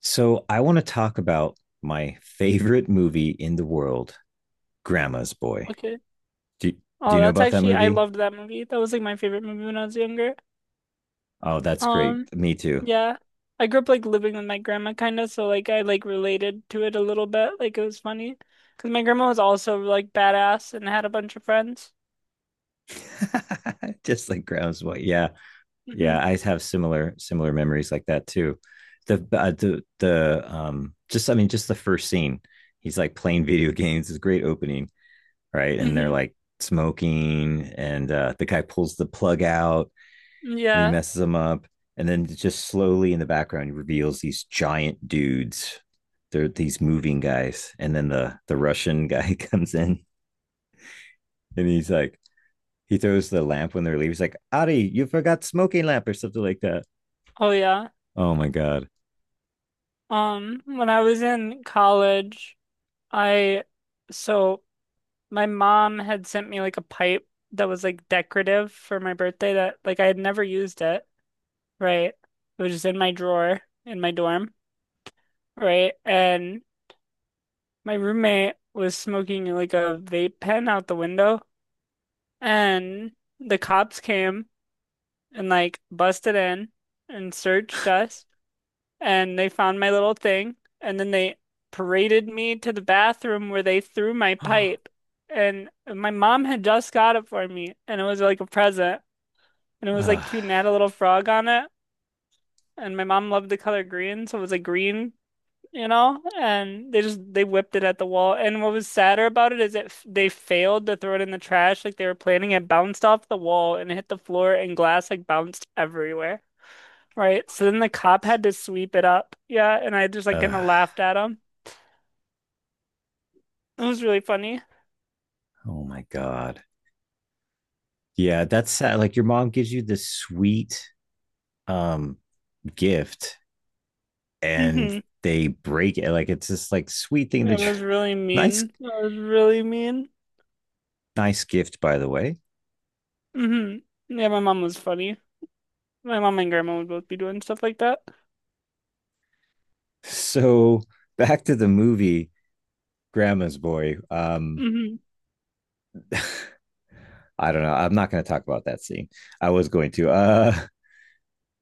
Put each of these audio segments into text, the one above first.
So I want to talk about my favorite movie in the world, Grandma's Boy. Okay. Do do Oh, you know that's about that actually I movie? loved that movie. That was like my favorite movie when I was younger. Oh, that's great. Um, Me too. yeah. I grew up like living with my grandma kind of, so like I like related to it a little bit. Like it was funny because my grandma was also like badass and had a bunch of friends. Just like Grandma's Boy. Yeah. hmm Yeah, I have similar memories like that too. The just I mean Just the first scene. He's like playing video games. It's a great opening, right? And they're hmm like smoking, and the guy pulls the plug out and he Yeah. messes them up. And then just slowly in the background, he reveals these giant dudes. They're these moving guys. And then the Russian guy comes in and he's like, he throws the lamp when they're leaving. He's like, "Ari, you forgot smoking lamp," or something like that. Oh yeah. Oh my god. When I was in college, I so my mom had sent me like a pipe that was like decorative for my birthday that like I had never used it, right? It was just in my drawer in my dorm, right? And my roommate was smoking like a vape pen out the window, and the cops came and like busted in and searched us, and they found my little thing, and then they paraded me to the bathroom where they threw my pipe. And my mom had just got it for me, and it was like a present, and it was like Ah, cute and had a little frog on it. And my mom loved the color green, so it was a green, and they just they whipped it at the wall. And what was sadder about it is that they failed to throw it in the trash like they were planning. It bounced off the wall and hit the floor, and glass like bounced everywhere. Right. So fucking then the cop idiots. had to sweep it up. Yeah, and I just like kind Uh, of laughed at him. It was really funny. oh my god. Yeah, that's sad. Like your mom gives you this sweet um gift and hmm they break it. Like it's this like sweet thing It that you was really nice. mean. It was really mean. Nice gift, by the way. hmm Yeah, my mom was funny. My mom and grandma would both be doing stuff like that. So back to the movie Grandma's Boy. Hmm I don't know. I'm not going to talk about that scene. I was going to.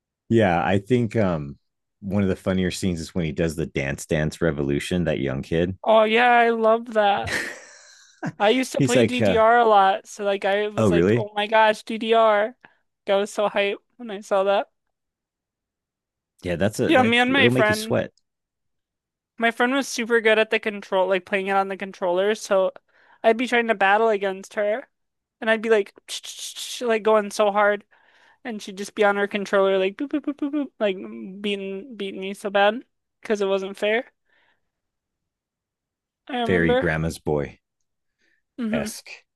yeah, I think one of the funnier scenes is when he does the dance dance revolution. That young kid. Oh yeah, I love that. I used to He's play like, DDR a lot, so like I "Oh, was like, really? oh my gosh, DDR. Like, I was so hyped when I saw that. Yeah, that's a Yeah, that. me and my It'll make you friend, sweat." my friend was super good at the control, like playing it on the controller, so I'd be trying to battle against her, and I'd be like, like going so hard, and she'd just be on her controller, like boop boop boop boop boop, like beating me so bad because it wasn't fair. I Very remember. Grandma's Boy Mm-hmm. esque.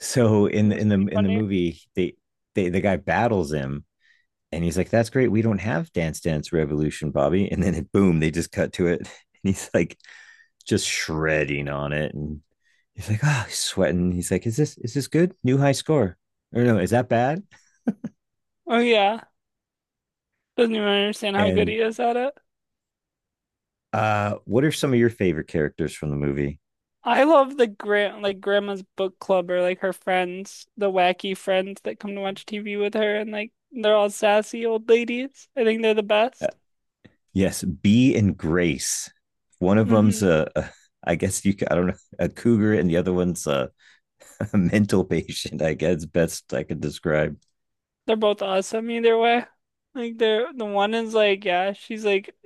So in That was in the pretty in the funny. movie, they the guy battles him. And he's like, "That's great. We don't have Dance Dance Revolution, Bobby." And then it, boom, they just cut to it, and he's like, just shredding on it, and he's like, "Oh, he's sweating." He's like, is this good? New high score? Or no, is that bad?" Oh yeah, doesn't even understand how good And he is at it. What are some of your favorite characters from the movie? I love the grandma's book club or like her friends, the wacky friends that come to watch TV with her and like they're all sassy old ladies. I think they're the Uh, best. yes, Bee and Grace. One of them's hmm a I guess you I don't know a cougar, and the other one's a, a mental patient. I guess best I could describe. They're both awesome either way. Like they're the one is like, yeah, she's like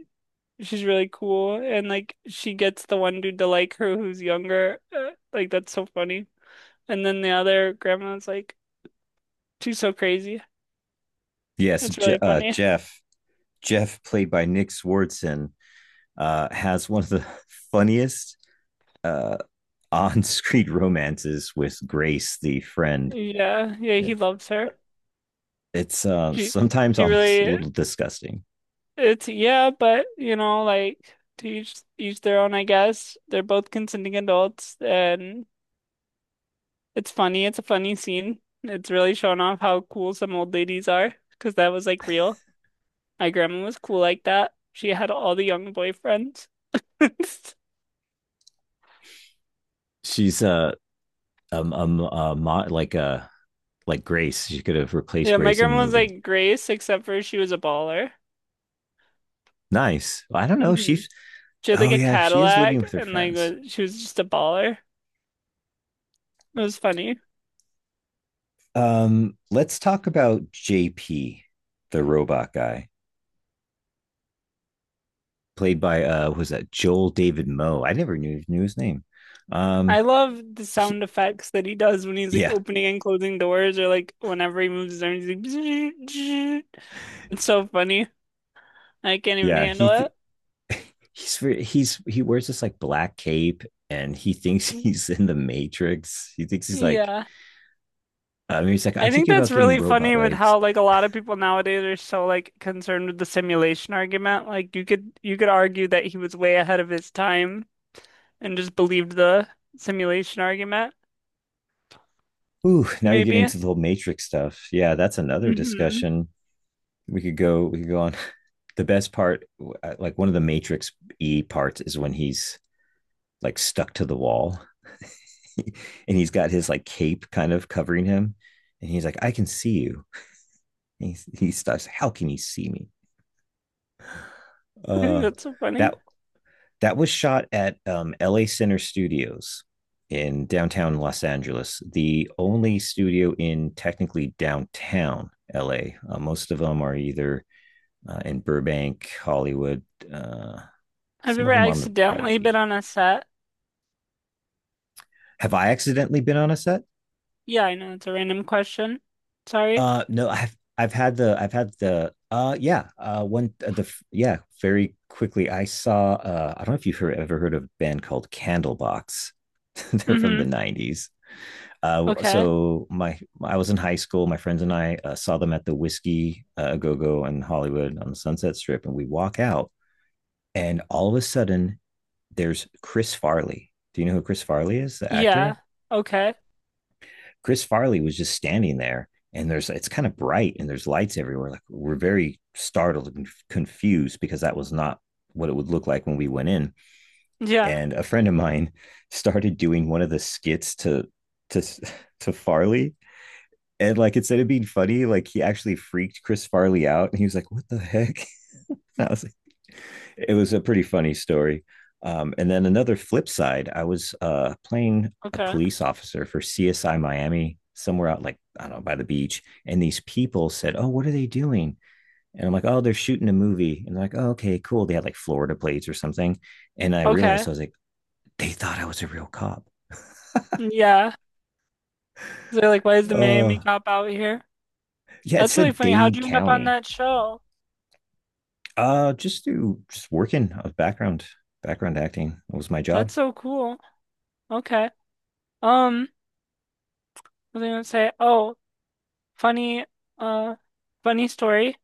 she's really cool and like she gets the one dude to like her who's younger. Like that's so funny. And then the other grandma's like, she's so crazy. Yes, It's really funny. Jeff, played by Nick Swardson, has one of the funniest uh, on-screen romances with Grace, the friend. Yeah, yeah, he It, loves her. it's She sometimes she almost a really little disgusting. It's yeah, but you know, like to each their own, I guess. They're both consenting adults, and it's funny. It's a funny scene. It's really showing off how cool some old ladies are, because that was like real. My grandma was cool like that. She had all the young boyfriends. She's um, um, uh, mo- like uh, like Grace. She could have replaced Yeah, my Grace in the grandma was movie. like Grace, except for she was a baller. Nice. I don't know. hmm She's She had like oh a yeah, she is living Cadillac, with her and friends. She was just a baller. It was funny. Let's talk about JP, the robot guy, played by what was that Joel David Moe. I never knew his name. I Um love the he, sound effects that he does when he's like yeah, opening and closing doors or like whenever he moves his arms, he's like It's so funny. I can't even yeah. Handle it. He's he wears this like black cape and he thinks he's in the Matrix. He thinks he's like Yeah. Maybe it's like, I'm I think thinking that's about getting really robot funny with legs. how like a lot of people nowadays are so like concerned with the simulation argument. Like you could argue that he was way ahead of his time and just believed the simulation argument, Ooh, now you're getting maybe. to the whole Matrix stuff. Yeah, that's another hmm discussion. We could go. We could go on. The best part, like one of the Matrix E parts, is when he's like stuck to the wall, and he's got his like cape kind of covering him, and he's like, "I can see you." He starts, how can you see me? Uh, That's so funny. that that was shot at LA Center Studios in downtown Los Angeles, the only studio in technically downtown LA. Most of them are either in Burbank, Hollywood, uh, Have you some of ever them on the by the accidentally been beach. on a set? Have I accidentally been on a set? Yeah, I know it's a random question. Sorry. No, I've had the yeah one the yeah very quickly I saw I don't know if you've ever heard of a band called Candlebox. They're from Mm-hmm. the '90s. Okay. So my I was in high school. My friends and I saw them at the Whiskey Go Go in Hollywood on the Sunset Strip, and we walk out, and all of a sudden there's Chris Farley. Do you know who Chris Farley is? The actor. Yeah. Okay. Chris Farley was just standing there and there's it's kind of bright and there's lights everywhere. Like we're very startled and confused because that was not what it would look like when we went in. Yeah. And a friend of mine started doing one of the skits to to Farley. And like instead of being funny, like he actually freaked Chris Farley out and he was like, "What the heck?" I was like, it was a pretty funny story. And then another flip side, I was playing a Okay. police officer for CSI Miami somewhere out like I don't know by the beach, and these people said, "Oh, what are they doing?" And I'm like, "Oh, they're shooting a movie." And they're like, "Oh, okay, cool." They had like Florida plates or something, and I realized Okay. I was like, they thought I was a real cop. Yeah. They're like, why is the Oh, Miami uh, Cop out here? yeah, it That's really said funny. How'd Dade you end up on County. that show? Just do just working. I was background acting. It was my job. That's so cool. Okay. Um, what was I gonna say? Oh, funny, uh, funny story.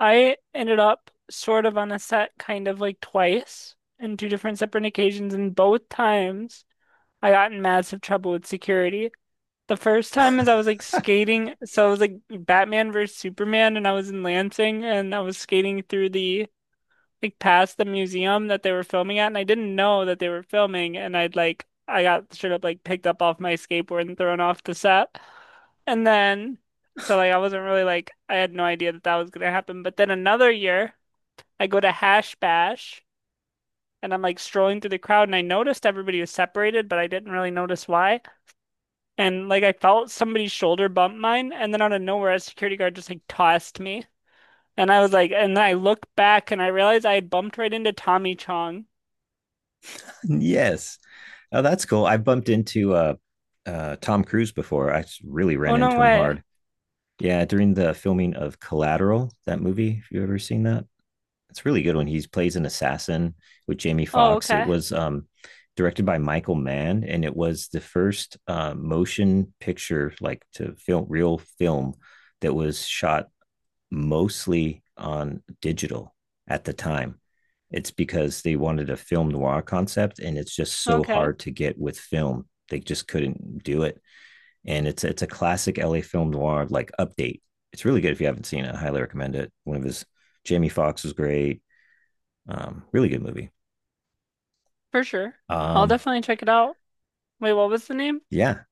I ended up sort of on a set kind of like twice in two different separate occasions, and both times I got in massive trouble with security. The first time is I was like skating, so it was like Batman versus Superman, and I was in Lansing, and I was skating through the past the museum that they were filming at, and I didn't know that they were filming, and I got straight up like picked up off my skateboard and thrown off the set, and then so like I wasn't really like I had no idea that that was gonna happen, but then another year I go to Hash Bash, and I'm like strolling through the crowd, and I noticed everybody was separated, but I didn't really notice why. And like I felt somebody's shoulder bump mine, and then out of nowhere, a security guard just like tossed me. And I was like, and then I looked back and I realized I had bumped right into Tommy Chong. Yes. Oh, that's cool. I bumped into Tom Cruise before. Really Oh ran no into him way. hard. Yeah, during the filming of Collateral, that movie. If you ever seen that? It's really good when he plays an assassin with Jamie Oh, Foxx. It okay. was directed by Michael Mann, and it was the first motion picture, like to film real film, that was shot mostly on digital at the time. It's because they wanted a film noir concept, and it's just so Okay. hard to get with film. They just couldn't do it, and it's a classic LA film noir like update. It's really good if you haven't seen it. I highly recommend it. One of his Jamie Foxx was great. Really good movie. For sure. I'll Um, definitely check it out. Wait, what was the name? yeah,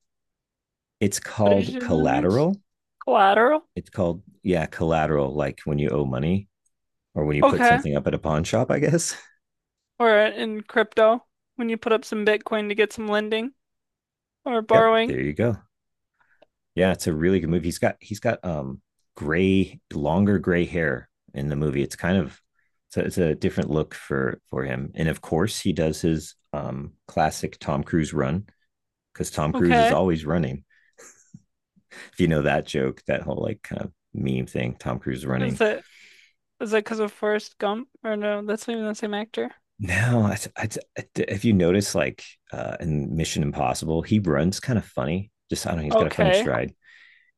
it's What did you called say the name is? Collateral. Collateral? It's called yeah, Collateral. Like when you owe money or when you put Okay. something up at a pawn shop, I guess. Or in crypto, when you put up some Bitcoin to get some lending or Yep, borrowing. there you go. Yeah, it's a really good movie. He's got gray, longer gray hair in the movie. It's kind of so it's a different look for him. And of course, he does his classic Tom Cruise run because Tom Cruise is Okay. always running. If you know that joke, that whole like kind of meme thing, Tom Cruise Is running. it is that because of Forrest Gump? Or no, that's not even the same actor. No, if you notice, like in Mission Impossible, he runs kind of funny. Just I don't know, he's got a funny Okay. stride.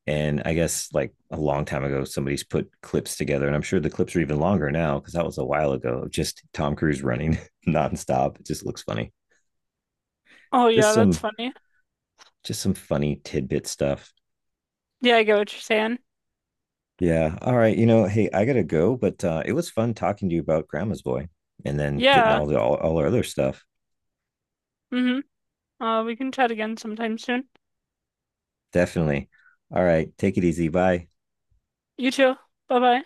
And I guess like a long time ago, somebody's put clips together, and I'm sure the clips are even longer now because that was a while ago. Just Tom Cruise running nonstop. It just looks funny. Oh Just yeah, that's some funny. just some funny tidbit stuff. Yeah, I get what you're saying. Yeah. All right. You know, hey, I gotta go, but it was fun talking to you about Grandma's Boy, and then getting Yeah. All our other stuff. Mm-hmm. We can chat again sometime soon. Definitely. All right. Take it easy. Bye. You too. Bye bye.